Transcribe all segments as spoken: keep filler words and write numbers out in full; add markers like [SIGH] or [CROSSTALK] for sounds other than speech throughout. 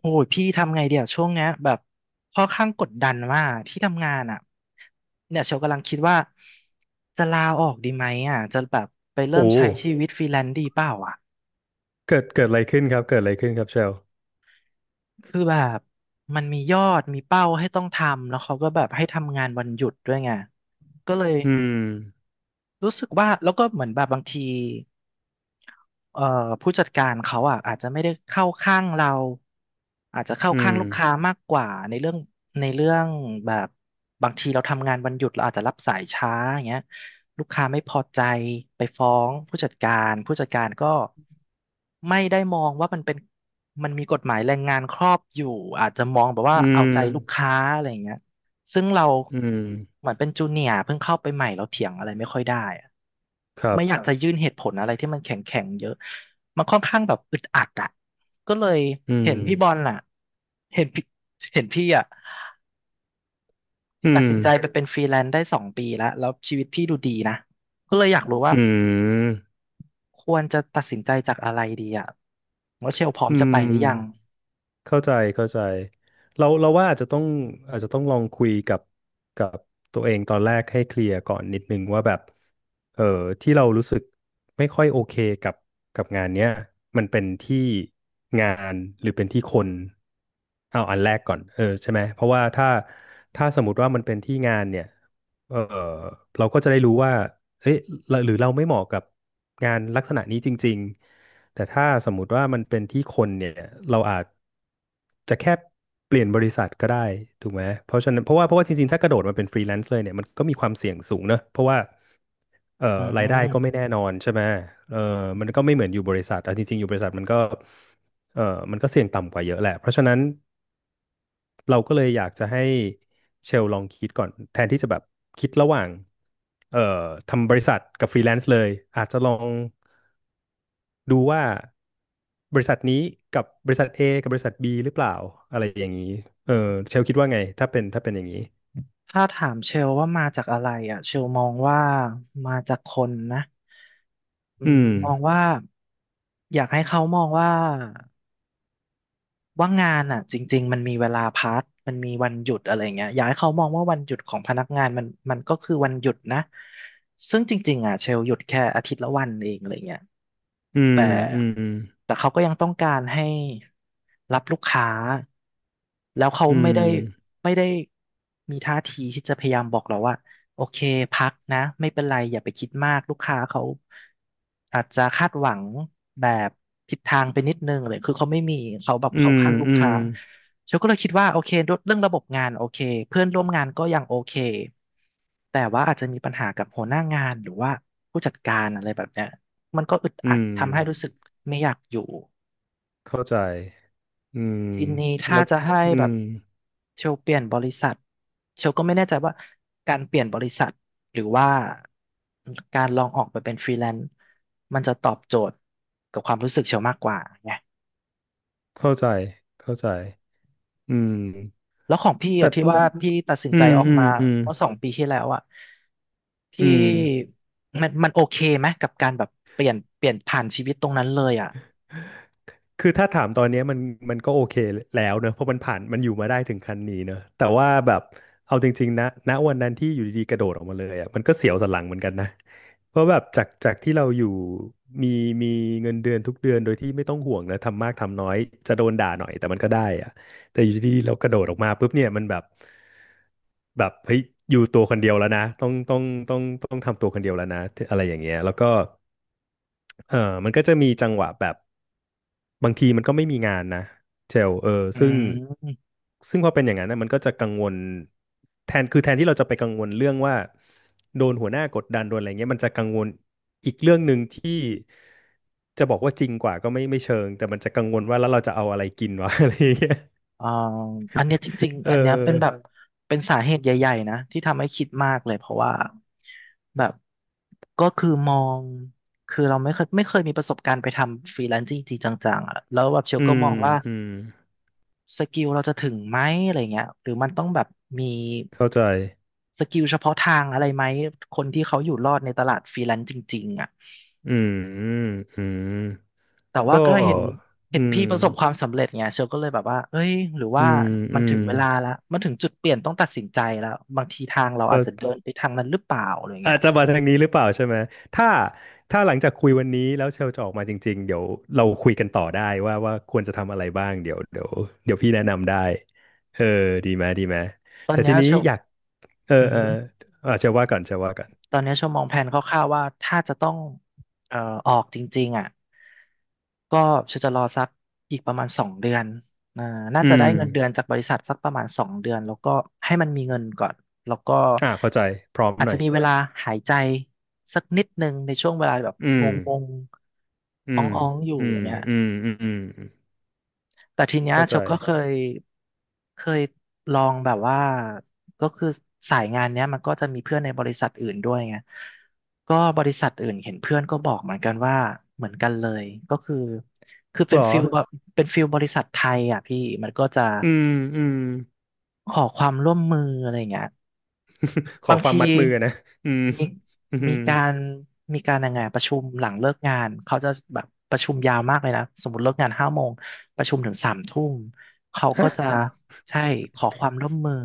โอ้ยพี่ทำไงเดี๋ยวช่วงเนี้ยแบบค่อนข้างกดดันว่ากที่ทำงานอ่ะเนี่ยเชลกำลังคิดว่าจะลาออกดีไหมอ่ะจะแบบไปเริ่โอ้ มใช้ชีวิตฟรีแลนซ์ดีเปล่าอ่ะเกิดเกิดอะไรขึ้นครับ เกิดอะไรขึ้นครับเชลคือแบบมันมียอดมีเป้าให้ต้องทำแล้วเขาก็แบบให้ทำงานวันหยุดด้วยไงก็เลยอืม รู้สึกว่าแล้วก็เหมือนแบบบางที เอ่อผู้จัดการเขาอ่ะอาจจะไม่ได้เข้าข้างเราอาจจะเข้าอืข้างม ลูกค้ามากกว่าในเรื่องในเรื่องแบบบางทีเราทำงานวันหยุดเราอาจจะรับสายช้าอย่างเงี้ยลูกค้าไม่พอใจไปฟ้องผู้จัดการผู้จัดการก็ไม่ได้มองว่ามันเป็นมันมีกฎหมายแรงงานครอบอยู่อาจจะมองแบบว่าอืเอาม ใจลูกค้าอะไรอย่างเงี้ย ซึ่งเราอืม เหมือนเป็นจูเนียร์เพิ่งเข้าไปใหม่เราเถียงอะไรไม่ค่อยได้อะครับ ไม่อคยากรับจะยื่นเหตุผลอะไรที่มันแข็งแข็งเยอะมันค่อนข้างแบบอึดอัดอ่ะก็เลยอืเห็ม นพี่บอลล่ะเห็นพี่เห็นพี่อ่ะอืตัดม สินใจไปเป็นฟรีแลนซ์ได้สองปีแล้วแล้วชีวิตพี่ดูดีนะก็เลยอยากรู้ว่าอืมควรจะตัดสินใจจากอะไรดีอ่ะว่าเชลพร้อมอืจะม ไปหรือยังเข้าใจเข้าใจเราเราว่าอาจจะต้องอาจจะต้องลองคุยกับกับตัวเองตอนแรกให้เคลียร์ก่อนนิดนึงว่าแบบเออที่เรารู้สึกไม่ค่อยโอเคกับกับงานเนี้ยมันเป็นที่งานหรือเป็นที่คนเอาอันแรกก่อนเออใช่ไหมเพราะว่าถ้าถ้าสมมติว่ามันเป็นที่งานเนี่ยเออเราก็จะได้รู้ว่าเอ๊ะหรือเราไม่เหมาะกับงานลักษณะนี้จริงๆ แต่ถ้าสมมุติว่ามันเป็นที่คนเนี่ยเราอาจจะแค่เปลี่ยนบริษัทก็ได้ถูกไหมเพราะฉะนั้นเพราะว่าเพราะว่าจริงๆถ้ากระโดดมาเป็นฟรีแลนซ์เลยเนี่ยมันก็มีความเสี่ยงสูงเนอะเพราะว่าเอ่ออืรายได้ก็ไม่แน่ม นอนใช่ไหมเออมันก็ไม่เหมือนอยู่บริษัทเอาจริงๆอยู่บริษัทมันก็เออมันก็เสี่ยงต่ำกว่าเยอะแหละเพราะฉะนั้นเราก็เลยอยากจะให้เชลลองคิดก่อนแทนที่จะแบบคิดระหว่างเอ่อทำบริษัทกับฟรีแลนซ์เลยอาจจะลอง ดูว่าบริษัทนี้กับบริษัท A กับบริษัท B หรือเปล่าอะไรอย่างนี้เออเชลคิดว่าไงถ้าเป็นถ้าเป็นอย่างนี้ถ้าถามเชลว่ามาจากอะไรอ่ะเชลมองว่ามาจากคนนะอือืมมมองว่าอยากให้เขามองว่าว่างานอ่ะจริงๆมันมีเวลาพักมันมีวันหยุดอะไรเงี้ยอยากให้เขามองว่าวันหยุดของพนักงานมันมันก็คือวันหยุดนะซึ่งจริงๆอ่ะเชลหยุดแค่อาทิตย์ละวันเองอะไรเงี้ย อืแต่มอืมแต่เขาก็ยังต้องการให้รับลูกค้าแล้วเขาอืไม่ได้มไม่ได้มีท่าทีที่จะพยายามบอกเราว่าโอเคพักนะไม่เป็นไรอย่าไปคิดมากลูกค้าเขาอาจจะคาดหวังแบบผิดทางไปนิดนึงเลยคือเขาไม่มีเขาแบบอืเขามข้างอืมลูกอืมค้าฉันก็เลยคิดว่าโอเคเรื่องระบบงานโอเคเพื่อนร่วมงานก็ยังโอเคแต่ว่าอาจจะมีปัญหากับหัวหน้างานหรือว่าผู้จัดการอะไรแบบเนี้ย มันก็อึดอัอืดมทำให้รู้สึกไม่อยากอยู่เข้าใจอืมทีนี้แล้ถ้าวจะให้อืแบบมเชลเปลี่ยนบริษัทเชลก็ไม่แน่ใจว่าการเปลี่ยนบริษัทหรือว่าการลองออกไปเป็นฟรีแลนซ์มันจะตอบโจทย์กับความรู้สึกเชลมากกว่าไงเข้าใจเข้าใจอืมแล้วของพี่แต่อะที่ว่าพี่ตัดสินอืใจมออกอืมมาอืมเมื่อสองปีที่แล้วอะอืพี่ม มันมันโอเคไหมกับการแบบเปลี่ยนเปลี่ยนผ่านชีวิตตรงนั้นเลยอะคือถ้าถามตอนเนี้ยมันมันก็โอเคแล้วเนอะเพราะมันผ่านมันอยู่มาได้ถึงคันนี้เนอะแต่ว่าแบบเอาจริงๆนะณวันนั้นที่อยู่ดีๆกระโดดออกมาเลยอ่ะมันก็เสียวสันหลังเหมือนกันนะเพราะแบบจากจากที่เราอยู่มีมีเงินเดือนทุกเดือนโดยที่ไม่ต้องห่วงนะทำมากทำน้อยจะโดนด่าหน่อยแต่มันก็ได้อ่ะแต่อยู่ดีๆเรากระโดดออกมาปุ๊บเนี่ยมันแบบแบบเฮ้ยอยู่ตัวคนเดียวแล้วนะต้องต้องต้องต้องทำตัวคนเดียวแล้วนะอะไรอย่างเงี้ยแล้วก็เออมันก็จะมีจังหวะแบบ บางทีมันก็ไม่มีงานนะเชลเอออืซึ่งม ซึ่งพอเป็นอย่างนั้นนะมันก็จะกังวลแทนคือแทนที่เราจะไปกังวลเรื่องว่าโดนหัวหน้ากดดันโดนอะไรเงี้ยมันจะกังวลอีกเรื่องหนึ่งที่จะบอกว่าจริงกว่าก็ไม่ไม่เชิงแต่มันจะกังวลว่าแล้วเราจะเอาอะไรกินวะ [LAUGHS] อะไรเงี้ยเอ่ออันเนี้ยจริงเๆอันเนี้ยเป็นแบบออเป็นสาเหตุใหญ่ๆนะที่ทำให้คิดมากเลยเพราะว่าแบบก็คือมองคือเราไม่เคยไม่เคยมีประสบการณ์ไปทำฟรีแลนซ์จริงๆจังๆอะแล้วแบบเชลอืก็มมองว่าอืมสกิลเราจะถึงไหมอะไรเงี้ยหรือมันต้องแบบมีเข้าใจสกิลเฉพาะทางอะไรไหมคนที่เขาอยู่รอดในตลาดฟรีแลนซ์จริงๆอ่ะ อืมอืมอืมแต่ว่าก็ก็เห็นเห็อืนมพี่ประสบความสำเร็จไงเชลก็เลยแบบว่าเอ้ยหรืออืว่ามมัอืนมถึงเวลาละมันถึงจุดเปลี่ยนต้องตัดสินใจแล้วบางทีทางเราอาจจะเดิเข้า นไปทางนั้นหรือเปล่าอะไรอาเงี้ยจจะมาทางนี้หรือเปล่าใช่ไหมถ้าถ้าหลังจากคุยวันนี้แล้วเชลจะออกมาจริงๆเดี๋ยวเราคุยกันต่อได้ว่าว่าควรจะทำอะไรบ้างเดี๋ยวเดี๋ยวเดี๋ยวพี่แนะนำได้เออดีไหมดีไหม ตอนแต่เนี้ทียนี้เชลอยากเอออือเออฮึ อ่ะเชลว่าก่อนเชลว่าก่อน ตอนนี้ชมมองแผนคร่าวๆว่าถ้าจะต้องเอ่อออกจริงๆอ่ะก็ฉันจะรอสักอีกประมาณสองเดือนอ่าน่าอืจะได้มเงินเดือนจากบริษัทสักประมาณสองเดือนแล้วก็ให้มันมีเงินก่อนแล้วก็อ่าเข้าใจพร้อมอาจหน่จะอยมีเวลาหายใจสักนิดนึงในช่วงเวลาแบบอืงมงอืๆอ้มองๆอยู่อือมย่างเงี้ย อืมอืมอืมแต่ทีเนี้ยเข้าเชใจลก็เคยเคยลองแบบว่าก็คือสายงานเนี้ยมันก็จะมีเพื่อนในบริษัทอื่นด้วยไงก็บริษัทอื่นเห็นเพื่อนก็บอกเหมือนกันว่าเหมือนกันเลยก็คือคือเป็เหรนอ ฟิลแบบเป็นฟิลบริษัทไทยอ่ะพี่มันก็จะอืมอืม ขอความร่วมมืออะไรอย่างเงี้ย [LAUGHS] ขอบางความทีมัดมือนะอืมมีอืมีมการมีการยังไงอะประชุมหลังเลิกงานเขาจะแบบประชุมยาวมากเลยนะสมมติเลิกงานห้าโมงประชุมถึงสามทุ่มเขาก็ฮะจะใช่ขอความร่วมมือ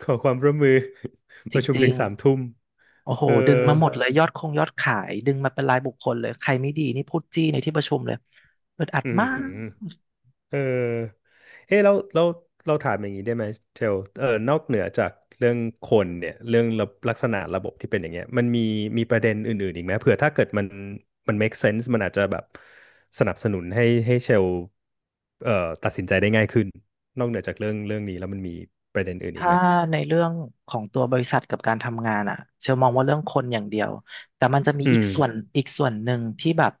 ขอความร่วมมือ [LAUGHS] จประชุมริถึงงสามทุ่ม ๆโอ้โหเออดึงมาหมดเลยยอดคงยอดขายดึงมาเป็นรายบุคคลเลยใครไม่ดีนี่พูดจี้ในที่ประชุมเลยอึดอัดอืมาก มเออเอ๊ะแล้วแล้วเราถามอย่างนี้ได้ไหมเชลเออนอกเหนือจากเรื่องคนเนี่ยเรื่องระลักษณะระบบที่เป็นอย่างเงี้ยมันมีมีประเด็นอื่นๆอีกไหมเผื่อถ้าเกิดมันมัน make sense มันอาจจะแบบสนับสนุนให้ให้เชลเอ่อตัดสินใจได้ง่ายขึ้นนอกเหนือจากเรื่องเรื่องนี้แล้วมันมีประเด็นอื่นอีกถ้าไหมในเรื่องของตัวบริษัทกับการทำงานอ่ะเชลมองว่าเรื่องคนอย่างเดียวแต่มันจะมีอือีกมส่วนอีกส่วนหนึ่งที่แบบ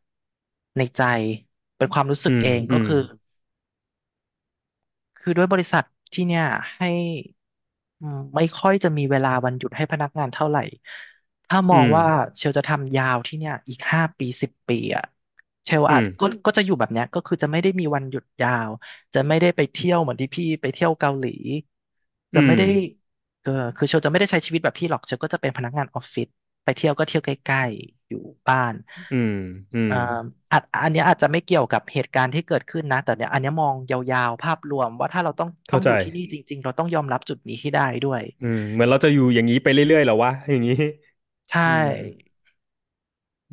ในใจเป็นความรู้สึอืกเอมงอืก็มคือ คือด้วยบริษัทที่เนี่ยให้อืมไม่ค่อยจะมีเวลาวันหยุดให้พนักงานเท่าไหร่ถ้ามอืองมว่าเชลจะทำยาวที่เนี่ยอีกห้าปีสิบปีอ่ะเชลอาอืจมก็อืมก็จะอยู่แบบเนี้ยก็คือจะไม่ได้มีวันหยุดยาวจะไม่ได้ไปเที่ยวเหมือนที่พี่ไปเที่ยวเกาหลีอืจะไม่มได้เออคือเชลจะไม่ได้ใช้ชีวิตแบบพี่หรอกเชลก็จะเป็นพนักงานออฟฟิศ ไปเที่ยวก็เที่ยวใกล้ๆอยู่บ้านอืมอืมอ่าอาจอันเนี้ยอาจจะไม่เกี่ยวกับเหตุการณ์ที่เกิดขึ้นนะ แต่เนี่ยอันเนี้ยมองยาวๆ ภาพรวมว่าถ้าเราต้องต้อเข้างอใจยู่ที่นี่จริงๆ เราต้องยอมรับจุดนี้ให้ได้ด้วยอืมเหมือนเราจะอยู่อย่างนี้ไปเรื่อยๆเหรอวะอย่างนี้ ใช่อืม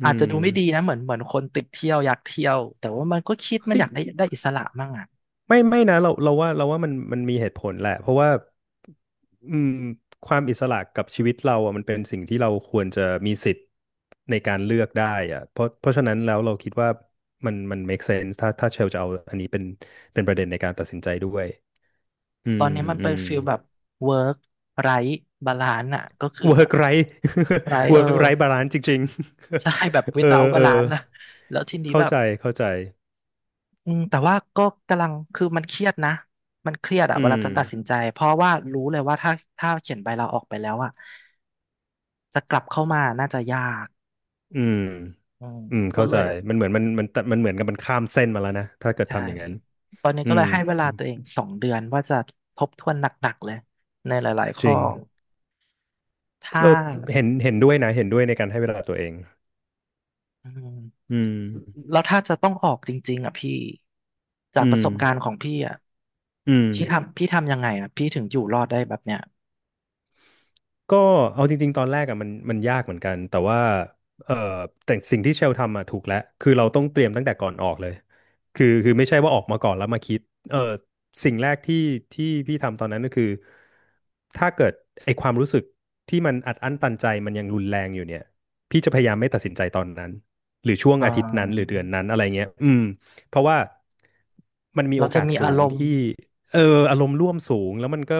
อือาจจะมดูไม่ดีนะเหมือนเหมือนคนติดเที่ยวอยากเที่ยวแต่ว่ามันก็คิดมันเฮ้ยอยากได้ได้อิสระมั่งอ่ะไม่ไม่นะเราเราว่าเราว่ามันมันมีเหตุผลแหละเพราะว่าอืมความอิสระกับชีวิตเราอ่ะมันเป็นสิ่งที่เราควรจะมีสิทธิ์ในการเลือกได้อ่ะเพราะเพราะฉะนั้นแล้วเราคิดว่ามันมัน make sense ถ้าถ้าเชลจะเอาอันนี้เป็นเป็นประเด็นในการตัดสินใจด้วยอืตอมนนี้มันอืเป็นม ฟิลแบบ work r i g h balance อ่ะก็คือแบบ work right [LAUGHS] right เอ work อ right balance จริงๆ ใช่แบบ [LAUGHS] เอ without อเออ balance นซ์นะแล้วทีนี้เข้าแบบ ใจเข้าใจอืมแต่ว่าก็กำลังคือมันเครียดนะมันเครียดอะอืเวลามจะอืตัดมสินใจเพราะว่ารู้เลยว่าถ้าถ้าเขียนใบลาออกไปแล้วอะจะกลับเข้ามาน่าจะยากอืม อืมอืมก็เข้าเลใจยมันเหมือนมันมันมันเหมือนกับมันข้ามเส้นมาแล้วนะถ้าเกิดใช่ทำอย่างนั้นตอนนี้อืก็เลมยให้เวลาตัวเองสองเดือนว่าจะทบทวนหนักๆเลยในหลายๆจข้อริงถ้าก็เห็นเห็นด้วยนะเห็นด้วยในการให้เวลาตัวเองอืมอืมแล้วถ้าจะต้องออกจริงๆอะพี่จากอืประมสบการณ์ของพี่อะอืม พี่ทำพี่ทำยังไงอะพี่ถึงอยู่รอดได้แบบเนี้ยก็เอาจริงๆตอนแรกอะมันมันยากเหมือนกันแต่ว่าเออแต่สิ่งที่เชลทำอะถูกแล้วคือเราต้องเตรียมตั้งแต่ก่อนออกเลยคือคือไม่ใช่ว่าออกมาก่อนแล้วมาคิดเออสิ่งแรกที่ที่พี่ทำตอนนั้นก็คือถ้าเกิดไอความรู้สึกที่มันอัดอั้นตันใจมันยังรุนแรงอยู่เนี่ยพี่จะพยายามไม่ตัดสินใจตอนนั้นหรือช่วงอ่าอาทิตย์นั้นหรือเดือนนั้นอะไรเงี้ยอืมเพราะว่ามันมีเราโอจะกาสมีสูอารงมณ์ ที่เอออารมณ์ร่วมสูงแล้วมันก็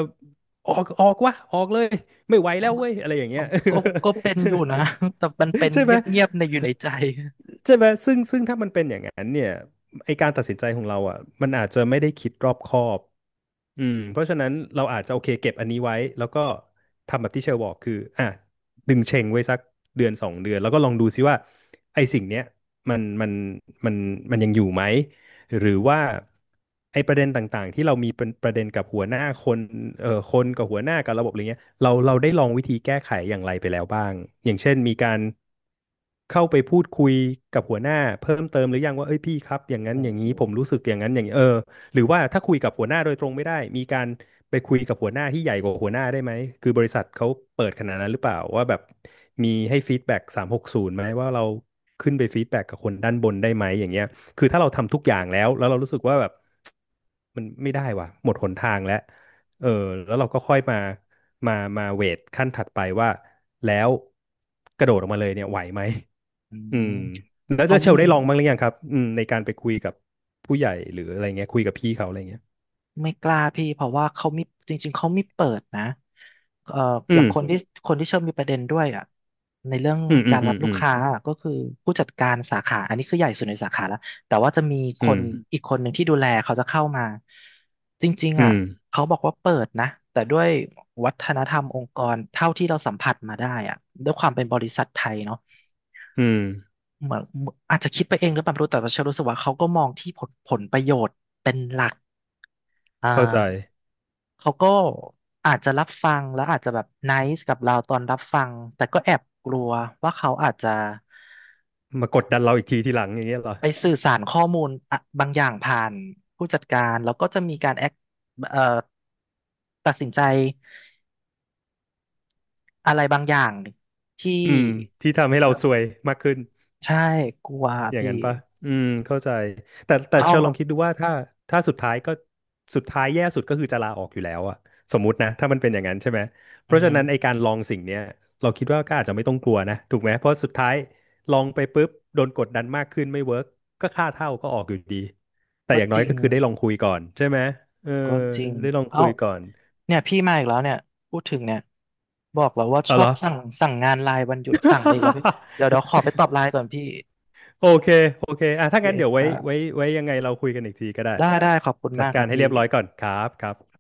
ออกออกวะออกเลยไม่ไหวแล้วเว้ยอะไรอย่างเงี้ย ก็ก็เป็นอยู่นะ [LAUGHS] แต่มันเป็น [LAUGHS] ใช่เไหมงียบๆในอยู่ในใจใช่ไหมซึ่งซึ่งถ้ามันเป็นอย่างนั้นเนี่ยไอการตัดสินใจของเราอ่ะมันอาจจะไม่ได้คิดรอบคอบ อืมเพราะฉะนั้นเราอาจจะโอเคเก็บอันนี้ไว้แล้วก็ทำแบบที่เชลบอกคืออ่ะดึงเชงไว้สักเดือนสองเดือนแล้วก็ลองดูซิว่าไอ้สิ่งเนี้ยมันมันมันมันยังอยู่ไหมหรือว่าไอ้ประเด็นต่างๆที่เรามีเป็นประเด็นกับหัวหน้าคนเอ่อคนกับหัวหน้ากับระบบอะไรเงี้ยเราเราได้ลโองวิธีแก้ไขอย่างไรไปแล้วบ้างอย่างเช่นมีการ เข้าไปพูดคุยกับหัวหน้าเพิ่มเติมหรือยังว่าเอ้ยพี่ครับอย่างนั้นอ้อย่างโหนี้ผมรู้สึกอย่างนั้นอย่างนี้เออหรือว่าถ้าคุยกับหัวหน้าโดยตรงไม่ได้มีการไปคุยกับหัวหน้าที่ใหญ่กว่าหัวหน้าได้ไหมคือบริษัทเขาเปิดขนาดนั้นหรือเปล่าว่าแบบมีให้ฟีดแบ็กสามหกศูนย์ไหมว่าเราขึ้นไปฟีดแบ็กกับคนด้านบนได้ไหมอย่างเงี้ยคือถ้าเราทำทุกอย่างแล้วแล้วเรารู้สึกว่าแบบมันไม่ได้ว่ะหมดหนทางแล้วเออแล้วเราก็ค่อยมามามาเวทขั้นถัดไปว่าแล้วกระโดดออกมาเลยเนี่ยไหวไหม อือืมมแล้วแล้เขาวเชลมีได้ลองบ้างหรือยังครับอืมในการไปคุยกับผู้ใหญ่หรืออะไรเงี้ยคุยกับพี่เขาอะไรเงี้ยไม่กล้าพี่เพราะว่าเขามีจริงๆเขาไม่เปิดนะเอ่ออือย่างมคนที่คนที่เชื่อมมีประเด็นด้วยอ่ะในเรื่องอืมอืกามรรับลูอืกมค้าอะก็คือผู้จัดการสาขาอันนี้คือใหญ่สุดในสาขาแล้วแต่ว่าจะมีคอืนมอีกคนหนึ่งที่ดูแลเขาจะเข้ามาจริงๆอือ่ะมเขาบอกว่าเปิดนะแต่ด้วยวัฒนธรรมองค์กรเท่าที่เราสัมผัสมาได้อ่ะด้วยความเป็นบริษัทไทยเนาะ อืมอืมเหมือนอาจจะคิดไปเองหรือเปล่าไม่รู้แต่ว่าเชอรู้สึกว่าเขาก็มองที่ผลผลประโยชน์เป็นหลักอ่าเข้าใจเขาก็อาจจะรับฟังแล้วอาจจะแบบไนซ์กับเราตอนรับฟังแต่ก็แอบกลัวว่าเขาอาจจะมากดดันเราอีกทีทีหลังอย่างเงี้ยเหรอไปสื่อสารข้อมูลอะบางอย่างผ่านผู้จัดการแล้วก็จะมีการแอคเอ่อตัดสินใจอะไรบางอย่างที่อืมที่ทำให้เราซวยมากขึ้น ใช่กลัวอย่างพี่นั้นปะอืมเข้าใจแต่แต่เอ้าเชลลองคิดดูว่าถ้าถ้าสุดท้ายก็สุดท้ายแย่สุดก็คือจะลาออกอยู่แล้วอะสมมุตินะถ้ามันเป็นอย่างนั้นใช่ไหมเพอือราะฉะฮึนั้นไอการลองสิ่งเนี้ยเราคิดว่าก็อาจจะไม่ต้องกลัวนะถูกไหมเพราะสุดท้ายลองไปปุ๊บโดนกดดันมากขึ้นไม่เวิร์กก็ค่าเท่าก็ออกอยู่ดีแต่ก็อย่างจน้อยริง ก็คือได้ลองคุยก่อนใช่ไหมเออก็จริง ได้ลองเอ้าคุยก่อนเนี่ยพี่มาอีกแล้วเนี่ยพูดถึงเนี่ยบอกแล้วว่าชเอาอเหรบอ สั่งสั่งงานไลน์วันหยุดสั่งไปอีกแล้วพี่เดี๋ยวเดี๋ยวขอไปตอบ [LAUGHS] ไลน์ก่อนพี่โอเค โอเคอ่ะโอถ้าเคงั้นเดี๋ยวไว้ไว้ค่ะไว้ยังไงเราคุยกันอีกทีก็ได้ ได้ได้ขอบคุณจัดมากคการัรบให้เรีพี่ยบร้อยก่อนครับครับ